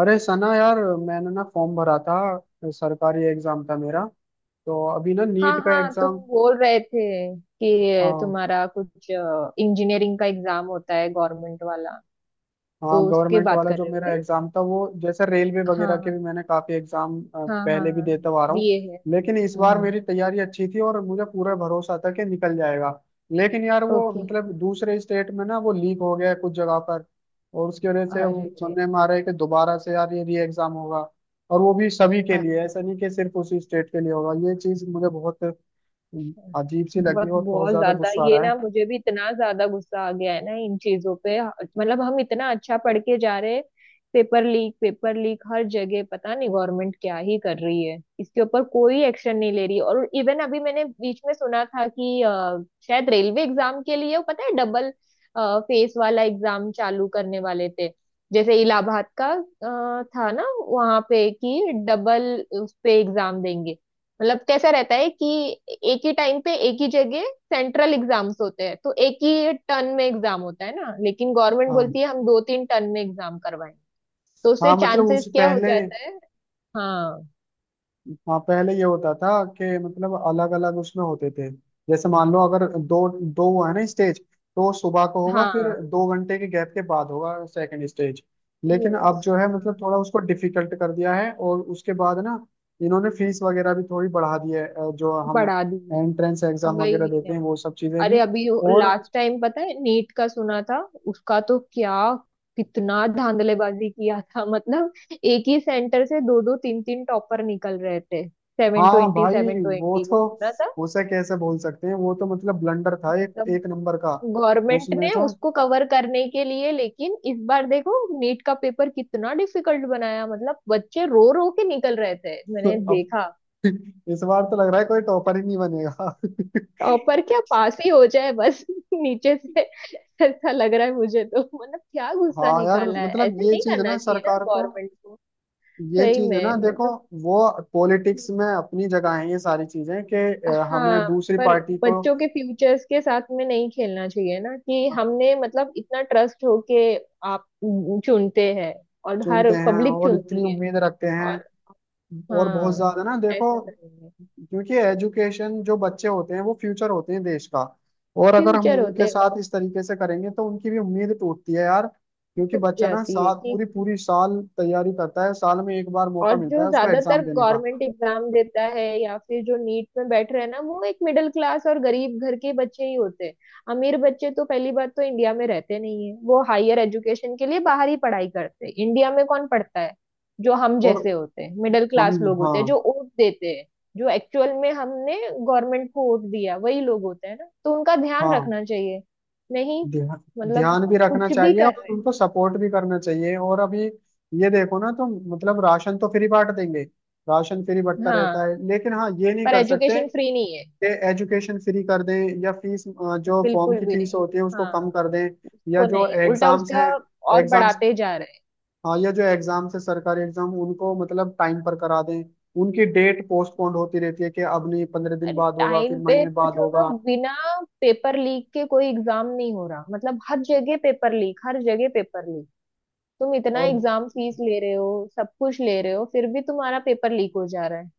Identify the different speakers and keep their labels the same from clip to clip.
Speaker 1: अरे सना यार। मैंने ना फॉर्म भरा था, सरकारी एग्जाम था मेरा। तो अभी ना
Speaker 2: हाँ
Speaker 1: नीट का
Speaker 2: हाँ तुम
Speaker 1: एग्जाम।
Speaker 2: बोल रहे थे कि
Speaker 1: हाँ।
Speaker 2: तुम्हारा कुछ इंजीनियरिंग का एग्जाम होता है गवर्नमेंट वाला।
Speaker 1: हाँ,
Speaker 2: तो उसके
Speaker 1: गवर्नमेंट
Speaker 2: बात
Speaker 1: वाला
Speaker 2: कर
Speaker 1: जो
Speaker 2: रहे हो
Speaker 1: मेरा
Speaker 2: क्या?
Speaker 1: एग्जाम था वो, जैसे रेलवे वगैरह के
Speaker 2: हाँ
Speaker 1: भी मैंने काफी एग्जाम
Speaker 2: हाँ हाँ
Speaker 1: पहले भी
Speaker 2: हाँ
Speaker 1: देता हुआ आ रहा हूँ।
Speaker 2: बीए है।
Speaker 1: लेकिन इस बार
Speaker 2: हम्म।
Speaker 1: मेरी तैयारी अच्छी थी और मुझे पूरा भरोसा था कि निकल जाएगा। लेकिन यार वो
Speaker 2: ओके।
Speaker 1: मतलब दूसरे स्टेट में ना वो लीक हो गया है कुछ जगह पर। और उसकी वजह से वो
Speaker 2: अरे
Speaker 1: सुनने में आ रहा है कि दोबारा से यार ये री एग्जाम होगा। और वो भी सभी के लिए, ऐसा नहीं कि सिर्फ उसी स्टेट के लिए होगा। ये चीज मुझे बहुत अजीब सी लगी
Speaker 2: बहुत
Speaker 1: और बहुत
Speaker 2: बहुत
Speaker 1: ज्यादा
Speaker 2: ज्यादा
Speaker 1: गुस्सा आ
Speaker 2: ये
Speaker 1: रहा
Speaker 2: ना
Speaker 1: है।
Speaker 2: मुझे भी इतना ज्यादा गुस्सा आ गया है ना इन चीजों पे। मतलब हम इतना अच्छा पढ़ के जा रहे हैं। पेपर लीक, पेपर लीक हर जगह। पता नहीं गवर्नमेंट क्या ही कर रही है, इसके ऊपर कोई एक्शन नहीं ले रही। और इवन अभी मैंने बीच में सुना था कि शायद रेलवे एग्जाम के लिए वो पता है डबल फेस वाला एग्जाम चालू करने वाले थे। जैसे इलाहाबाद का था ना वहां पे कि डबल उस पे एग्जाम देंगे। मतलब कैसा रहता है कि एक ही टाइम पे एक ही जगह सेंट्रल एग्जाम्स होते हैं तो एक ही टर्न में एग्जाम होता है ना। लेकिन गवर्नमेंट बोलती
Speaker 1: हाँ।
Speaker 2: है हम दो तीन टर्न में एग्जाम करवाएंगे। तो उससे
Speaker 1: हाँ मतलब
Speaker 2: चांसेस
Speaker 1: उस
Speaker 2: क्या हो
Speaker 1: पहले।
Speaker 2: जाता है? हाँ।
Speaker 1: हाँ पहले ये होता था कि मतलब अलग अलग उसमें होते थे। जैसे मान लो अगर दो दो हुआ है ना स्टेज, तो सुबह को होगा फिर
Speaker 2: हाँ।
Speaker 1: 2 घंटे के गैप के बाद होगा सेकंड स्टेज। लेकिन अब
Speaker 2: यस।
Speaker 1: जो है
Speaker 2: हाँ।
Speaker 1: मतलब थोड़ा उसको डिफिकल्ट कर दिया है और उसके बाद ना इन्होंने फीस वगैरह भी थोड़ी बढ़ा दी है जो हम
Speaker 2: बढ़ा दिए।
Speaker 1: एंट्रेंस एग्जाम वगैरह
Speaker 2: वही
Speaker 1: देते
Speaker 2: ना।
Speaker 1: हैं, वो सब चीजें
Speaker 2: अरे
Speaker 1: भी।
Speaker 2: अभी
Speaker 1: और
Speaker 2: लास्ट टाइम पता है नीट का सुना था। उसका तो क्या कितना धांधलेबाजी किया था मतलब एक ही सेंटर से दो दो तीन तीन टॉपर निकल रहे थे, सेवन
Speaker 1: हाँ
Speaker 2: ट्वेंटी
Speaker 1: भाई।
Speaker 2: सेवन
Speaker 1: वो
Speaker 2: ट्वेंटी
Speaker 1: तो,
Speaker 2: वो सुना था।
Speaker 1: उसे कैसे बोल सकते हैं, वो तो मतलब ब्लंडर था एक
Speaker 2: मतलब
Speaker 1: एक नंबर का।
Speaker 2: गवर्नमेंट
Speaker 1: उसमें
Speaker 2: ने
Speaker 1: तो
Speaker 2: उसको कवर करने के लिए लेकिन इस बार देखो नीट का पेपर कितना डिफिकल्ट बनाया। मतलब बच्चे रो रो के निकल रहे थे, मैंने
Speaker 1: अब
Speaker 2: देखा।
Speaker 1: इस बार तो लग रहा है कोई टॉपर ही नहीं बनेगा।
Speaker 2: टॉपर क्या, पास ही हो जाए बस नीचे से। ऐसा लग रहा है मुझे तो। मतलब क्या गुस्सा
Speaker 1: हाँ यार
Speaker 2: निकाला है,
Speaker 1: मतलब
Speaker 2: ऐसे
Speaker 1: ये
Speaker 2: नहीं
Speaker 1: चीज है ना
Speaker 2: करना चाहिए ना
Speaker 1: सरकार को।
Speaker 2: गवर्नमेंट को।
Speaker 1: ये
Speaker 2: सही
Speaker 1: चीज है
Speaker 2: में
Speaker 1: ना देखो,
Speaker 2: मतलब।
Speaker 1: वो पॉलिटिक्स में अपनी जगह है, ये सारी चीजें कि
Speaker 2: हाँ।
Speaker 1: हमें दूसरी
Speaker 2: पर
Speaker 1: पार्टी को
Speaker 2: बच्चों के फ्यूचर्स के साथ में नहीं खेलना चाहिए ना कि हमने मतलब इतना ट्रस्ट होके आप चुनते हैं, और
Speaker 1: चुनते
Speaker 2: हर
Speaker 1: हैं
Speaker 2: पब्लिक
Speaker 1: और इतनी
Speaker 2: चुनती है।
Speaker 1: उम्मीद रखते
Speaker 2: और
Speaker 1: हैं। और बहुत
Speaker 2: हाँ
Speaker 1: ज्यादा ना देखो,
Speaker 2: ऐसा करेंगे।
Speaker 1: क्योंकि एजुकेशन जो बच्चे होते हैं वो फ्यूचर होते हैं देश का। और अगर हम
Speaker 2: फ्यूचर होते
Speaker 1: उनके
Speaker 2: हैं। और
Speaker 1: साथ इस तरीके से करेंगे तो उनकी भी उम्मीद टूटती है यार, क्योंकि
Speaker 2: टूट
Speaker 1: बच्चा ना
Speaker 2: जाती है
Speaker 1: साल
Speaker 2: कि।
Speaker 1: पूरी पूरी साल तैयारी करता है, साल में एक बार
Speaker 2: और
Speaker 1: मौका मिलता
Speaker 2: जो
Speaker 1: है उसको
Speaker 2: ज्यादातर
Speaker 1: एग्जाम देने का।
Speaker 2: गवर्नमेंट एग्जाम देता है या फिर जो नीट में बैठ रहे हैं ना, वो एक मिडिल क्लास और गरीब घर के बच्चे ही होते हैं। अमीर बच्चे तो पहली बात तो इंडिया में रहते नहीं है, वो हायर एजुकेशन के लिए बाहर ही पढ़ाई करते हैं। इंडिया में कौन पढ़ता है? जो हम
Speaker 1: और
Speaker 2: जैसे होते हैं मिडिल
Speaker 1: हम
Speaker 2: क्लास लोग होते हैं,
Speaker 1: हाँ।
Speaker 2: जो वोट देते हैं, जो एक्चुअल में हमने गवर्नमेंट को वोट दिया वही लोग होते हैं ना। तो उनका ध्यान
Speaker 1: हाँ
Speaker 2: रखना चाहिए। नहीं।
Speaker 1: ध्यान।
Speaker 2: मतलब
Speaker 1: ध्यान भी रखना
Speaker 2: कुछ भी
Speaker 1: चाहिए
Speaker 2: कर
Speaker 1: और
Speaker 2: रहे
Speaker 1: उनको सपोर्ट भी करना चाहिए। और अभी ये देखो ना, तो मतलब राशन तो फ्री बांट देंगे, राशन फ्री
Speaker 2: हैं।
Speaker 1: बंटता रहता
Speaker 2: हाँ
Speaker 1: है लेकिन हाँ ये नहीं
Speaker 2: पर
Speaker 1: कर सकते।
Speaker 2: एजुकेशन फ्री नहीं है,
Speaker 1: ये एजुकेशन फ्री कर दें, या फीस जो फॉर्म
Speaker 2: बिल्कुल
Speaker 1: की
Speaker 2: भी
Speaker 1: फीस
Speaker 2: नहीं।
Speaker 1: होती है उसको कम
Speaker 2: हाँ
Speaker 1: कर दें। या
Speaker 2: को
Speaker 1: जो
Speaker 2: नहीं, उल्टा
Speaker 1: एग्जाम्स
Speaker 2: उसका
Speaker 1: हैं,
Speaker 2: और
Speaker 1: एग्जाम्स
Speaker 2: बढ़ाते जा रहे हैं।
Speaker 1: हाँ, या जो एग्जाम्स है सरकारी एग्जाम उनको मतलब टाइम पर करा दें। उनकी डेट पोस्टपोन्ड होती रहती है कि अब नहीं 15 दिन
Speaker 2: अरे
Speaker 1: बाद होगा, फिर
Speaker 2: टाइम पे
Speaker 1: महीने
Speaker 2: तो
Speaker 1: बाद
Speaker 2: छोड़ो,
Speaker 1: होगा।
Speaker 2: बिना पेपर लीक के कोई एग्जाम नहीं हो रहा। मतलब हर जगह पेपर लीक, हर जगह पेपर लीक। तुम इतना
Speaker 1: और
Speaker 2: एग्जाम फीस ले रहे हो, सब कुछ ले रहे हो फिर भी तुम्हारा पेपर लीक हो जा रहा है।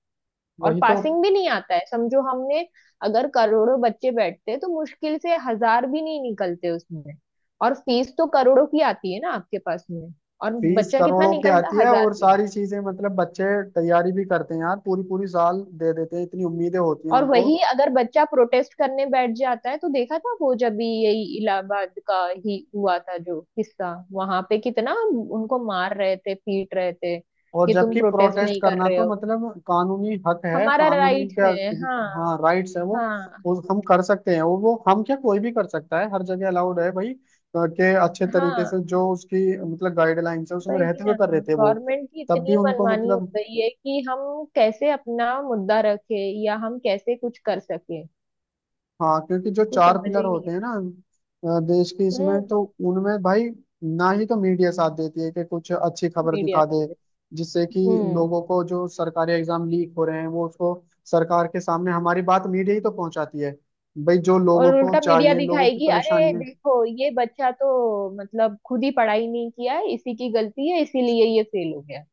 Speaker 2: और
Speaker 1: वही तो
Speaker 2: पासिंग भी नहीं आता है। समझो हमने, अगर करोड़ों बच्चे बैठते तो मुश्किल से हजार भी नहीं निकलते उसमें। और फीस तो करोड़ों की आती है ना आपके पास में, और
Speaker 1: फीस
Speaker 2: बच्चा कितना
Speaker 1: करोड़ों की
Speaker 2: निकलता,
Speaker 1: आती है
Speaker 2: हजार
Speaker 1: और
Speaker 2: भी नहीं।
Speaker 1: सारी चीजें, मतलब बच्चे तैयारी भी करते हैं यार, पूरी पूरी साल दे देते हैं, इतनी उम्मीदें होती हैं
Speaker 2: और
Speaker 1: उनको।
Speaker 2: वही अगर बच्चा प्रोटेस्ट करने बैठ जाता है तो देखा था वो, जब भी यही इलाहाबाद का ही हुआ था जो किस्सा, वहां पे कितना उनको मार रहे थे पीट रहे थे
Speaker 1: और
Speaker 2: कि तुम
Speaker 1: जबकि
Speaker 2: प्रोटेस्ट
Speaker 1: प्रोटेस्ट
Speaker 2: नहीं कर
Speaker 1: करना
Speaker 2: रहे
Speaker 1: तो
Speaker 2: हो।
Speaker 1: मतलब कानूनी हक है,
Speaker 2: हमारा
Speaker 1: कानूनी
Speaker 2: राइट
Speaker 1: क्या,
Speaker 2: है। हाँ।
Speaker 1: हाँ राइट्स है वो।
Speaker 2: हाँ।
Speaker 1: वो हम कर सकते हैं, वो हम क्या कोई भी कर सकता है, हर जगह अलाउड है भाई। के अच्छे तरीके
Speaker 2: हाँ।
Speaker 1: से जो उसकी मतलब गाइडलाइंस है उसमें
Speaker 2: वही
Speaker 1: रहते हुए
Speaker 2: ना।
Speaker 1: कर रहे थे वो।
Speaker 2: गवर्नमेंट की
Speaker 1: तब भी
Speaker 2: इतनी
Speaker 1: उनको
Speaker 2: मनमानी हो
Speaker 1: मतलब,
Speaker 2: गई है कि हम कैसे अपना मुद्दा रखे या हम कैसे कुछ कर सके,
Speaker 1: हाँ क्योंकि जो
Speaker 2: कुछ
Speaker 1: चार
Speaker 2: समझ
Speaker 1: पिलर
Speaker 2: ही नहीं
Speaker 1: होते हैं ना देश की,
Speaker 2: आता।
Speaker 1: इसमें
Speaker 2: हम्म।
Speaker 1: तो उनमें भाई ना ही तो मीडिया साथ देती है कि कुछ अच्छी खबर
Speaker 2: मीडिया
Speaker 1: दिखा
Speaker 2: का।
Speaker 1: दे, जिससे कि
Speaker 2: हम्म।
Speaker 1: लोगों को जो सरकारी एग्जाम लीक हो रहे हैं वो उसको, सरकार के सामने हमारी बात मीडिया ही तो पहुंचाती है भाई, जो लोगों
Speaker 2: और
Speaker 1: को
Speaker 2: उल्टा मीडिया
Speaker 1: चाहिए, लोगों की
Speaker 2: दिखाएगी अरे
Speaker 1: परेशानियां।
Speaker 2: देखो ये बच्चा तो मतलब खुद ही पढ़ाई नहीं किया है, इसी की गलती है इसीलिए ये फेल हो गया।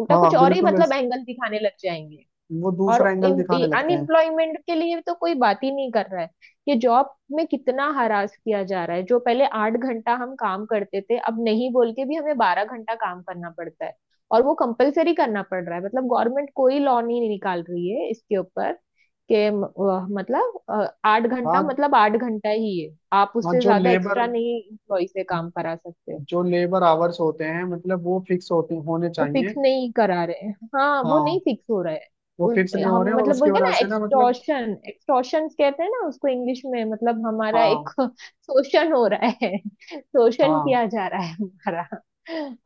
Speaker 2: उल्टा
Speaker 1: हाँ
Speaker 2: कुछ और ही
Speaker 1: बिल्कुल,
Speaker 2: मतलब एंगल दिखाने लग जाएंगे।
Speaker 1: वो
Speaker 2: और
Speaker 1: दूसरा एंगल दिखाने लगते हैं।
Speaker 2: अनएम्प्लॉयमेंट के लिए तो कोई बात ही नहीं कर रहा है। ये जॉब में कितना हरास किया जा रहा है, जो पहले 8 घंटा हम काम करते थे अब नहीं बोल के भी हमें 12 घंटा काम करना पड़ता है। और वो कंपलसरी करना पड़ रहा है, मतलब गवर्नमेंट कोई लॉ नहीं निकाल रही है इसके ऊपर के मतलब 8 घंटा
Speaker 1: हाँ।
Speaker 2: मतलब 8 घंटा ही है। आप
Speaker 1: हाँ,
Speaker 2: उससे
Speaker 1: जो
Speaker 2: ज्यादा
Speaker 1: लेबर
Speaker 2: एक्स्ट्रा नहीं इम्प्लॉय से काम करा सकते।
Speaker 1: जो लेबर आवर्स होते हैं मतलब वो फिक्स होते, होने
Speaker 2: वो
Speaker 1: चाहिए।
Speaker 2: फिक्स नहीं करा रहे हैं, हाँ
Speaker 1: हाँ
Speaker 2: वो नहीं फिक्स हो रहा है।
Speaker 1: वो फिक्स नहीं हो
Speaker 2: हम
Speaker 1: रहे हैं और
Speaker 2: मतलब
Speaker 1: उसकी
Speaker 2: बोलते हैं
Speaker 1: वजह
Speaker 2: ना
Speaker 1: से ना मतलब
Speaker 2: एक्सटॉर्शन, एक्सटॉर्शन कहते हैं ना उसको इंग्लिश में। मतलब हमारा एक
Speaker 1: हाँ।
Speaker 2: शोषण हो रहा है। शोषण
Speaker 1: हाँ।
Speaker 2: किया जा रहा है हमारा।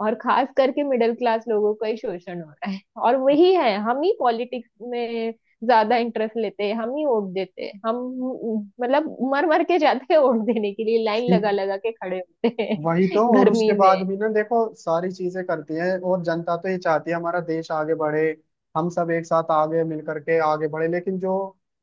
Speaker 2: और खास करके मिडिल क्लास लोगों का ही शोषण हो रहा है। और वही है, हम ही पॉलिटिक्स में ज्यादा इंटरेस्ट लेते हैं, हम ही वोट देते हैं, हम मतलब मर मर के जाते हैं वोट देने के लिए, लाइन लगा लगा के खड़े होते
Speaker 1: वही
Speaker 2: हैं
Speaker 1: तो, और उसके
Speaker 2: गर्मी
Speaker 1: बाद
Speaker 2: में।
Speaker 1: भी ना देखो सारी चीजें करती है। और जनता तो ये चाहती है हमारा देश आगे बढ़े, हम सब एक साथ आगे मिल करके आगे बढ़े। लेकिन जो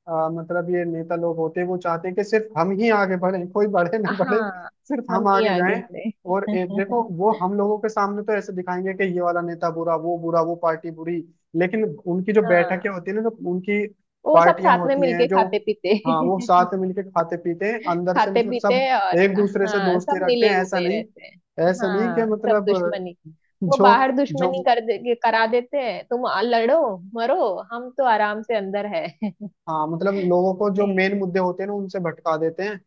Speaker 1: मतलब ये नेता लोग होते हैं वो चाहते हैं कि सिर्फ हम ही आगे बढ़े, कोई बढ़े ना बढ़े,
Speaker 2: हाँ,
Speaker 1: सिर्फ
Speaker 2: हम
Speaker 1: हम
Speaker 2: ही
Speaker 1: आगे जाएं।
Speaker 2: आगे बढ़े
Speaker 1: और एक देखो, वो हम लोगों के सामने तो ऐसे दिखाएंगे कि ये वाला नेता बुरा, वो बुरा, वो पार्टी बुरी। लेकिन उनकी जो बैठकें
Speaker 2: हाँ,
Speaker 1: होती है ना, जो उनकी
Speaker 2: वो सब
Speaker 1: पार्टियां
Speaker 2: साथ में
Speaker 1: होती हैं,
Speaker 2: मिलके
Speaker 1: जो,
Speaker 2: खाते पीते
Speaker 1: हाँ वो साथ में मिलके खाते पीते हैं अंदर से,
Speaker 2: खाते
Speaker 1: मतलब
Speaker 2: पीते,
Speaker 1: सब
Speaker 2: और
Speaker 1: एक दूसरे से
Speaker 2: हाँ
Speaker 1: दोस्ती
Speaker 2: सब
Speaker 1: रखते
Speaker 2: मिले
Speaker 1: हैं। ऐसा
Speaker 2: हुए
Speaker 1: नहीं
Speaker 2: रहते हैं।
Speaker 1: ऐसा नहीं कि
Speaker 2: हाँ, सब
Speaker 1: मतलब,
Speaker 2: दुश्मनी वो
Speaker 1: जो
Speaker 2: बाहर
Speaker 1: जो
Speaker 2: दुश्मनी कर दे करा देते हैं, तुम लड़ो, मरो, हम तो आराम से अंदर है
Speaker 1: हाँ, मतलब लोगों को जो
Speaker 2: नहीं।
Speaker 1: मेन मुद्दे होते हैं ना उनसे भटका देते हैं,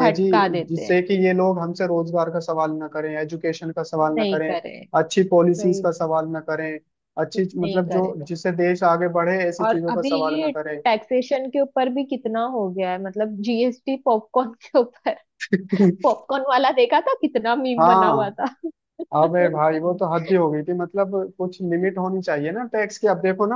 Speaker 1: कि जी
Speaker 2: भटका देते हैं।
Speaker 1: जिससे कि ये लोग हमसे रोजगार का सवाल ना करें, एजुकेशन का सवाल ना
Speaker 2: नहीं
Speaker 1: करें,
Speaker 2: करे।
Speaker 1: अच्छी पॉलिसीज
Speaker 2: नहीं।
Speaker 1: का सवाल ना करें,
Speaker 2: कुछ
Speaker 1: अच्छी
Speaker 2: नहीं
Speaker 1: मतलब
Speaker 2: करे।
Speaker 1: जो जिससे देश आगे बढ़े ऐसी
Speaker 2: और
Speaker 1: चीजों का
Speaker 2: अभी
Speaker 1: सवाल ना
Speaker 2: ये
Speaker 1: करें।
Speaker 2: टैक्सेशन के ऊपर भी कितना हो गया है। मतलब जीएसटी पॉपकॉर्न के ऊपर, पॉपकॉर्न वाला देखा था कितना मीम बना हुआ
Speaker 1: हाँ।
Speaker 2: था
Speaker 1: अबे भाई वो तो हद ही हो गई थी, मतलब कुछ लिमिट होनी चाहिए ना टैक्स की। अब देखो ना,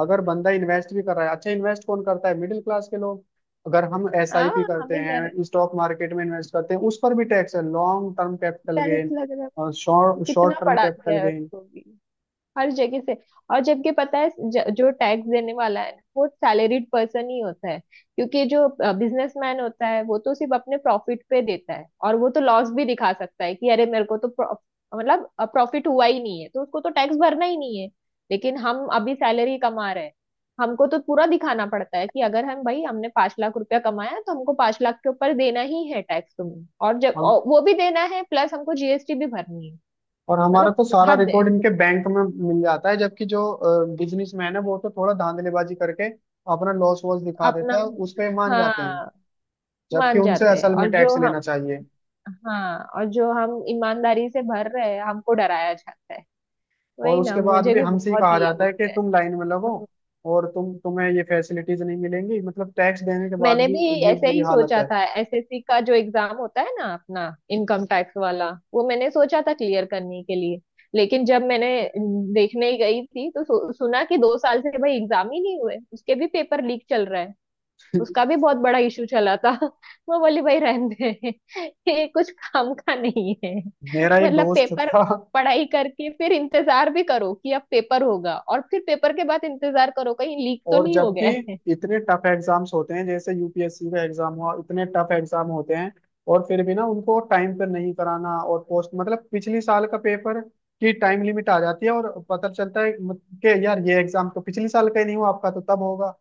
Speaker 1: अगर बंदा इन्वेस्ट भी कर रहा है, अच्छा इन्वेस्ट कौन करता है? मिडिल क्लास के लोग। अगर हम
Speaker 2: हाँ
Speaker 1: एसआईपी करते
Speaker 2: हमें घर
Speaker 1: हैं, स्टॉक मार्केट में इन्वेस्ट करते हैं, उस पर भी टैक्स है, long term capital
Speaker 2: tiles
Speaker 1: gain
Speaker 2: लग रहा है,
Speaker 1: और शॉर्ट
Speaker 2: कितना
Speaker 1: शॉर्ट टर्म
Speaker 2: पढ़ा
Speaker 1: कैपिटल
Speaker 2: दिया है
Speaker 1: गेन।
Speaker 2: उसको भी, हर जगह से। और जबकि पता है जो टैक्स देने वाला है ना, वो सैलरीड पर्सन ही होता है। क्योंकि जो बिजनेसमैन होता है वो तो सिर्फ अपने प्रॉफिट पे देता है, और वो तो लॉस भी दिखा सकता है कि अरे मेरे को तो मतलब प्रॉफिट हुआ ही नहीं है, तो उसको तो टैक्स भरना ही नहीं है। लेकिन हम अभी सैलरी कमा रहे हैं, हमको तो पूरा दिखाना पड़ता है कि अगर हम भाई हमने 5 लाख रुपया कमाया तो हमको 5 लाख के ऊपर देना ही है टैक्स तुम्हें, और जब
Speaker 1: हम,
Speaker 2: और वो भी देना है, प्लस हमको जीएसटी भी भरनी है।
Speaker 1: और हमारा
Speaker 2: मतलब
Speaker 1: तो सारा
Speaker 2: हद।
Speaker 1: रिकॉर्ड इनके बैंक में मिल जाता है, जबकि जो बिजनेसमैन है वो तो थोड़ा धांधलीबाजी करके अपना लॉस वॉस दिखा देता
Speaker 2: अपना,
Speaker 1: है, उस पे मान जाते हैं।
Speaker 2: हाँ।
Speaker 1: जबकि
Speaker 2: मान
Speaker 1: उनसे
Speaker 2: जाते हैं
Speaker 1: असल में
Speaker 2: और जो
Speaker 1: टैक्स लेना
Speaker 2: हम,
Speaker 1: चाहिए।
Speaker 2: हाँ और जो हम ईमानदारी से भर रहे हैं हमको डराया जाता है।
Speaker 1: और
Speaker 2: वही ना
Speaker 1: उसके बाद
Speaker 2: मुझे
Speaker 1: भी
Speaker 2: भी
Speaker 1: हमसे ही
Speaker 2: बहुत
Speaker 1: कहा
Speaker 2: ये हो
Speaker 1: जाता है कि
Speaker 2: गया है।
Speaker 1: तुम लाइन में लगो,
Speaker 2: हम्म,
Speaker 1: और तुम्हें ये फैसिलिटीज नहीं मिलेंगी, मतलब टैक्स देने के बाद
Speaker 2: मैंने
Speaker 1: भी।
Speaker 2: भी
Speaker 1: ये
Speaker 2: ऐसे
Speaker 1: बुरी
Speaker 2: ही
Speaker 1: हालत
Speaker 2: सोचा
Speaker 1: है।
Speaker 2: था एसएससी का जो एग्जाम होता है ना अपना, इनकम टैक्स वाला, वो मैंने सोचा था क्लियर करने के लिए। लेकिन जब मैंने देखने गई थी तो सुना कि 2 साल से भाई एग्जाम ही नहीं हुए, उसके भी पेपर लीक चल रहा है, उसका भी बहुत बड़ा इशू चला था वो बोली भाई रहने दे ये कुछ काम का नहीं है।
Speaker 1: मेरा एक
Speaker 2: मतलब
Speaker 1: दोस्त
Speaker 2: पेपर
Speaker 1: था।
Speaker 2: पढ़ाई करके फिर इंतजार भी करो कि अब पेपर होगा, और फिर पेपर के बाद इंतजार करो कहीं लीक तो
Speaker 1: और
Speaker 2: नहीं हो
Speaker 1: जबकि
Speaker 2: गया है
Speaker 1: इतने टफ एग्जाम्स होते हैं, जैसे यूपीएससी का एग्जाम हुआ, इतने टफ एग्जाम होते हैं और फिर भी ना उनको टाइम पर नहीं कराना, और पोस्ट मतलब पिछले साल का पेपर की टाइम लिमिट आ जाती है और पता चलता है कि यार ये एग्जाम तो पिछले साल का ही नहीं हुआ, आपका तो तब होगा।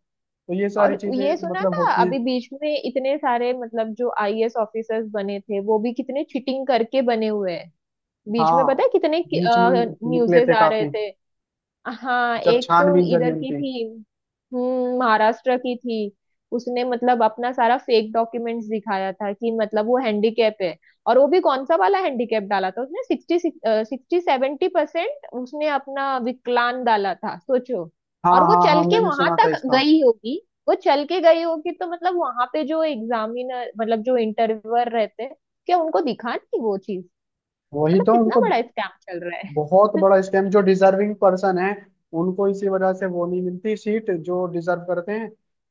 Speaker 1: तो ये
Speaker 2: और
Speaker 1: सारी चीजें
Speaker 2: ये सुना
Speaker 1: मतलब
Speaker 2: था
Speaker 1: होती हैं।
Speaker 2: अभी बीच में इतने सारे मतलब जो आईएएस ऑफिसर्स बने थे वो भी कितने चीटिंग करके बने हुए हैं। बीच में पता
Speaker 1: हाँ,
Speaker 2: है कितने
Speaker 1: बीच में निकले
Speaker 2: न्यूज़ेस
Speaker 1: थे
Speaker 2: आ रहे
Speaker 1: काफी
Speaker 2: थे। हाँ
Speaker 1: जब
Speaker 2: एक तो
Speaker 1: छानबीन चली
Speaker 2: इधर की
Speaker 1: उनकी।
Speaker 2: थी। हम्म, महाराष्ट्र की थी। उसने मतलब अपना सारा फेक डॉक्यूमेंट्स दिखाया था कि मतलब वो हैंडीकैप है। और वो भी कौन सा वाला हैंडीकैप डाला था उसने, 60 60 70% उसने अपना विकलांग डाला था, सोचो।
Speaker 1: हाँ
Speaker 2: और वो
Speaker 1: हाँ
Speaker 2: चल
Speaker 1: हाँ,
Speaker 2: के
Speaker 1: मैंने
Speaker 2: वहां
Speaker 1: सुना था
Speaker 2: तक
Speaker 1: इसका।
Speaker 2: गई होगी। वो चल के गई होगी तो मतलब वहां पे जो एग्जामिनर मतलब जो इंटरव्यूअर रहते हैं, क्या उनको दिखा नहीं वो चीज?
Speaker 1: वही
Speaker 2: मतलब
Speaker 1: तो
Speaker 2: कितना
Speaker 1: उनको,
Speaker 2: बड़ा स्कैम चल रहा।
Speaker 1: बहुत बड़ा स्कैम। जो डिजर्विंग पर्सन है उनको इसी वजह से वो नहीं मिलती सीट जो डिजर्व करते हैं,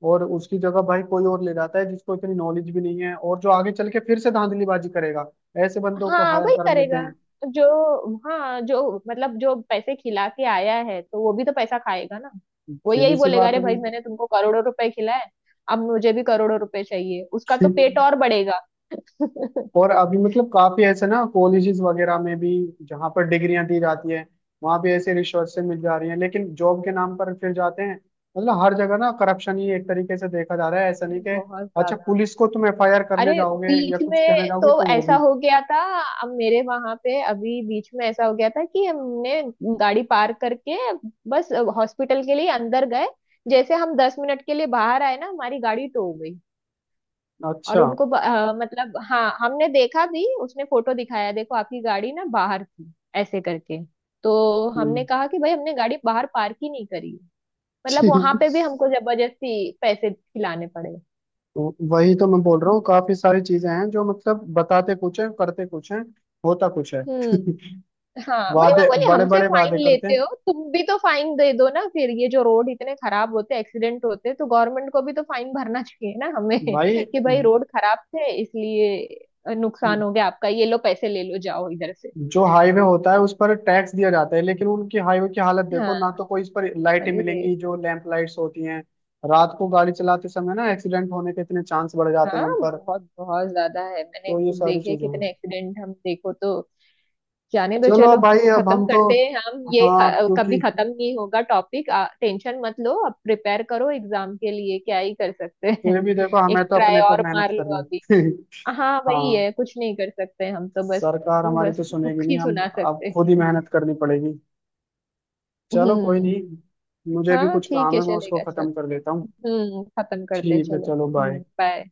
Speaker 1: और उसकी जगह भाई कोई और ले जाता है जिसको इतनी नॉलेज भी नहीं है और जो आगे चल के फिर से धांधलीबाजी करेगा, ऐसे बंदों को
Speaker 2: हाँ
Speaker 1: हायर
Speaker 2: वही
Speaker 1: कर लेते
Speaker 2: करेगा।
Speaker 1: हैं।
Speaker 2: जो, हाँ, जो मतलब जो पैसे खिला के आया है तो वो भी तो पैसा खाएगा ना। वो
Speaker 1: सीधी
Speaker 2: यही
Speaker 1: सी
Speaker 2: बोलेगा
Speaker 1: बात
Speaker 2: अरे
Speaker 1: है
Speaker 2: भाई मैंने तुमको करोड़ों रुपए खिलाए, अब मुझे भी करोड़ों रुपए चाहिए, उसका तो
Speaker 1: भाई।
Speaker 2: पेट और बढ़ेगा
Speaker 1: और अभी मतलब काफी ऐसे ना कॉलेजेस वगैरह में भी, जहाँ पर डिग्रियां दी जाती है, वहां भी ऐसे रिसोर्सेज मिल जा रही हैं, लेकिन जॉब के नाम पर फिर जाते हैं। मतलब हर जगह ना करप्शन ही एक तरीके से देखा जा रहा है, ऐसा नहीं कि,
Speaker 2: बहुत
Speaker 1: अच्छा
Speaker 2: ज्यादा।
Speaker 1: पुलिस को तुम एफआईआर करने
Speaker 2: अरे
Speaker 1: जाओगे या
Speaker 2: बीच
Speaker 1: कुछ कहने
Speaker 2: में
Speaker 1: जाओगे
Speaker 2: तो
Speaker 1: तो वो
Speaker 2: ऐसा
Speaker 1: भी।
Speaker 2: हो गया था। अब मेरे वहां पे अभी बीच में ऐसा हो गया था कि हमने गाड़ी पार्क करके बस हॉस्पिटल के लिए अंदर गए। जैसे हम 10 मिनट के लिए बाहर आए ना हमारी गाड़ी टो हो गई। और
Speaker 1: अच्छा।
Speaker 2: उनको मतलब हाँ हमने देखा भी, उसने फोटो दिखाया देखो आपकी गाड़ी ना बाहर थी ऐसे करके। तो हमने
Speaker 1: हम्म।
Speaker 2: कहा कि भाई हमने गाड़ी बाहर पार्क ही नहीं करी। मतलब
Speaker 1: ठीक।
Speaker 2: वहां पे भी हमको जबरदस्ती पैसे खिलाने पड़े।
Speaker 1: तो वही तो मैं बोल रहा हूँ, काफी सारी चीजें हैं जो मतलब, बताते कुछ है, करते कुछ है, होता कुछ है।
Speaker 2: हम्म। हाँ वही मैं
Speaker 1: वादे,
Speaker 2: बोली
Speaker 1: बड़े
Speaker 2: हमसे
Speaker 1: बड़े
Speaker 2: फाइन
Speaker 1: वादे करते
Speaker 2: लेते
Speaker 1: हैं
Speaker 2: हो, तुम भी तो फाइन दे दो ना, फिर ये जो रोड इतने खराब होते एक्सीडेंट होते तो गवर्नमेंट को भी तो फाइन भरना चाहिए ना हमें
Speaker 1: भाई।
Speaker 2: कि भाई रोड खराब थे इसलिए नुकसान हो गया आपका, ये लो पैसे ले लो जाओ इधर से।
Speaker 1: जो हाईवे होता है उस पर टैक्स दिया जाता है, लेकिन उनकी हाईवे की हालत देखो
Speaker 2: हाँ।
Speaker 1: ना, तो कोई इस पर लाइटें
Speaker 2: अरे
Speaker 1: मिलेंगी जो लैंप लाइट्स होती हैं? रात को गाड़ी चलाते समय ना एक्सीडेंट होने के इतने चांस बढ़ जाते हैं
Speaker 2: हाँ
Speaker 1: उन पर।
Speaker 2: बहुत बहुत ज्यादा है, मैंने
Speaker 1: तो ये
Speaker 2: खुद
Speaker 1: सारी
Speaker 2: देखे
Speaker 1: चीजें हैं।
Speaker 2: कितने एक्सीडेंट हम देखो तो। जाने दो,
Speaker 1: चलो
Speaker 2: चलो
Speaker 1: भाई, अब
Speaker 2: खत्म
Speaker 1: हम तो,
Speaker 2: करते हैं हम, ये
Speaker 1: हाँ
Speaker 2: कभी
Speaker 1: क्योंकि
Speaker 2: खत्म नहीं होगा टॉपिक। टेंशन मत लो, अब प्रिपेयर करो एग्जाम के लिए, क्या ही कर सकते हैं
Speaker 1: फिर भी देखो हमें
Speaker 2: एक
Speaker 1: तो
Speaker 2: ट्राई
Speaker 1: अपने पर
Speaker 2: और
Speaker 1: मेहनत
Speaker 2: मार लो अभी।
Speaker 1: करनी।
Speaker 2: हाँ वही
Speaker 1: हाँ,
Speaker 2: है, कुछ नहीं कर सकते हम तो बस,
Speaker 1: सरकार हमारी
Speaker 2: बस
Speaker 1: तो सुनेगी
Speaker 2: दुख
Speaker 1: नहीं,
Speaker 2: ही
Speaker 1: हम
Speaker 2: सुना
Speaker 1: अब
Speaker 2: सकते
Speaker 1: खुद
Speaker 2: हैं।
Speaker 1: ही मेहनत करनी पड़ेगी। चलो, कोई
Speaker 2: हम्म।
Speaker 1: नहीं, मुझे भी
Speaker 2: हाँ
Speaker 1: कुछ
Speaker 2: ठीक
Speaker 1: काम
Speaker 2: है
Speaker 1: है, मैं उसको
Speaker 2: चलेगा चलो।
Speaker 1: खत्म कर लेता हूँ।
Speaker 2: हम्म, खत्म करते हैं,
Speaker 1: ठीक है,
Speaker 2: चलो,
Speaker 1: चलो, बाय।
Speaker 2: Hmm, bye.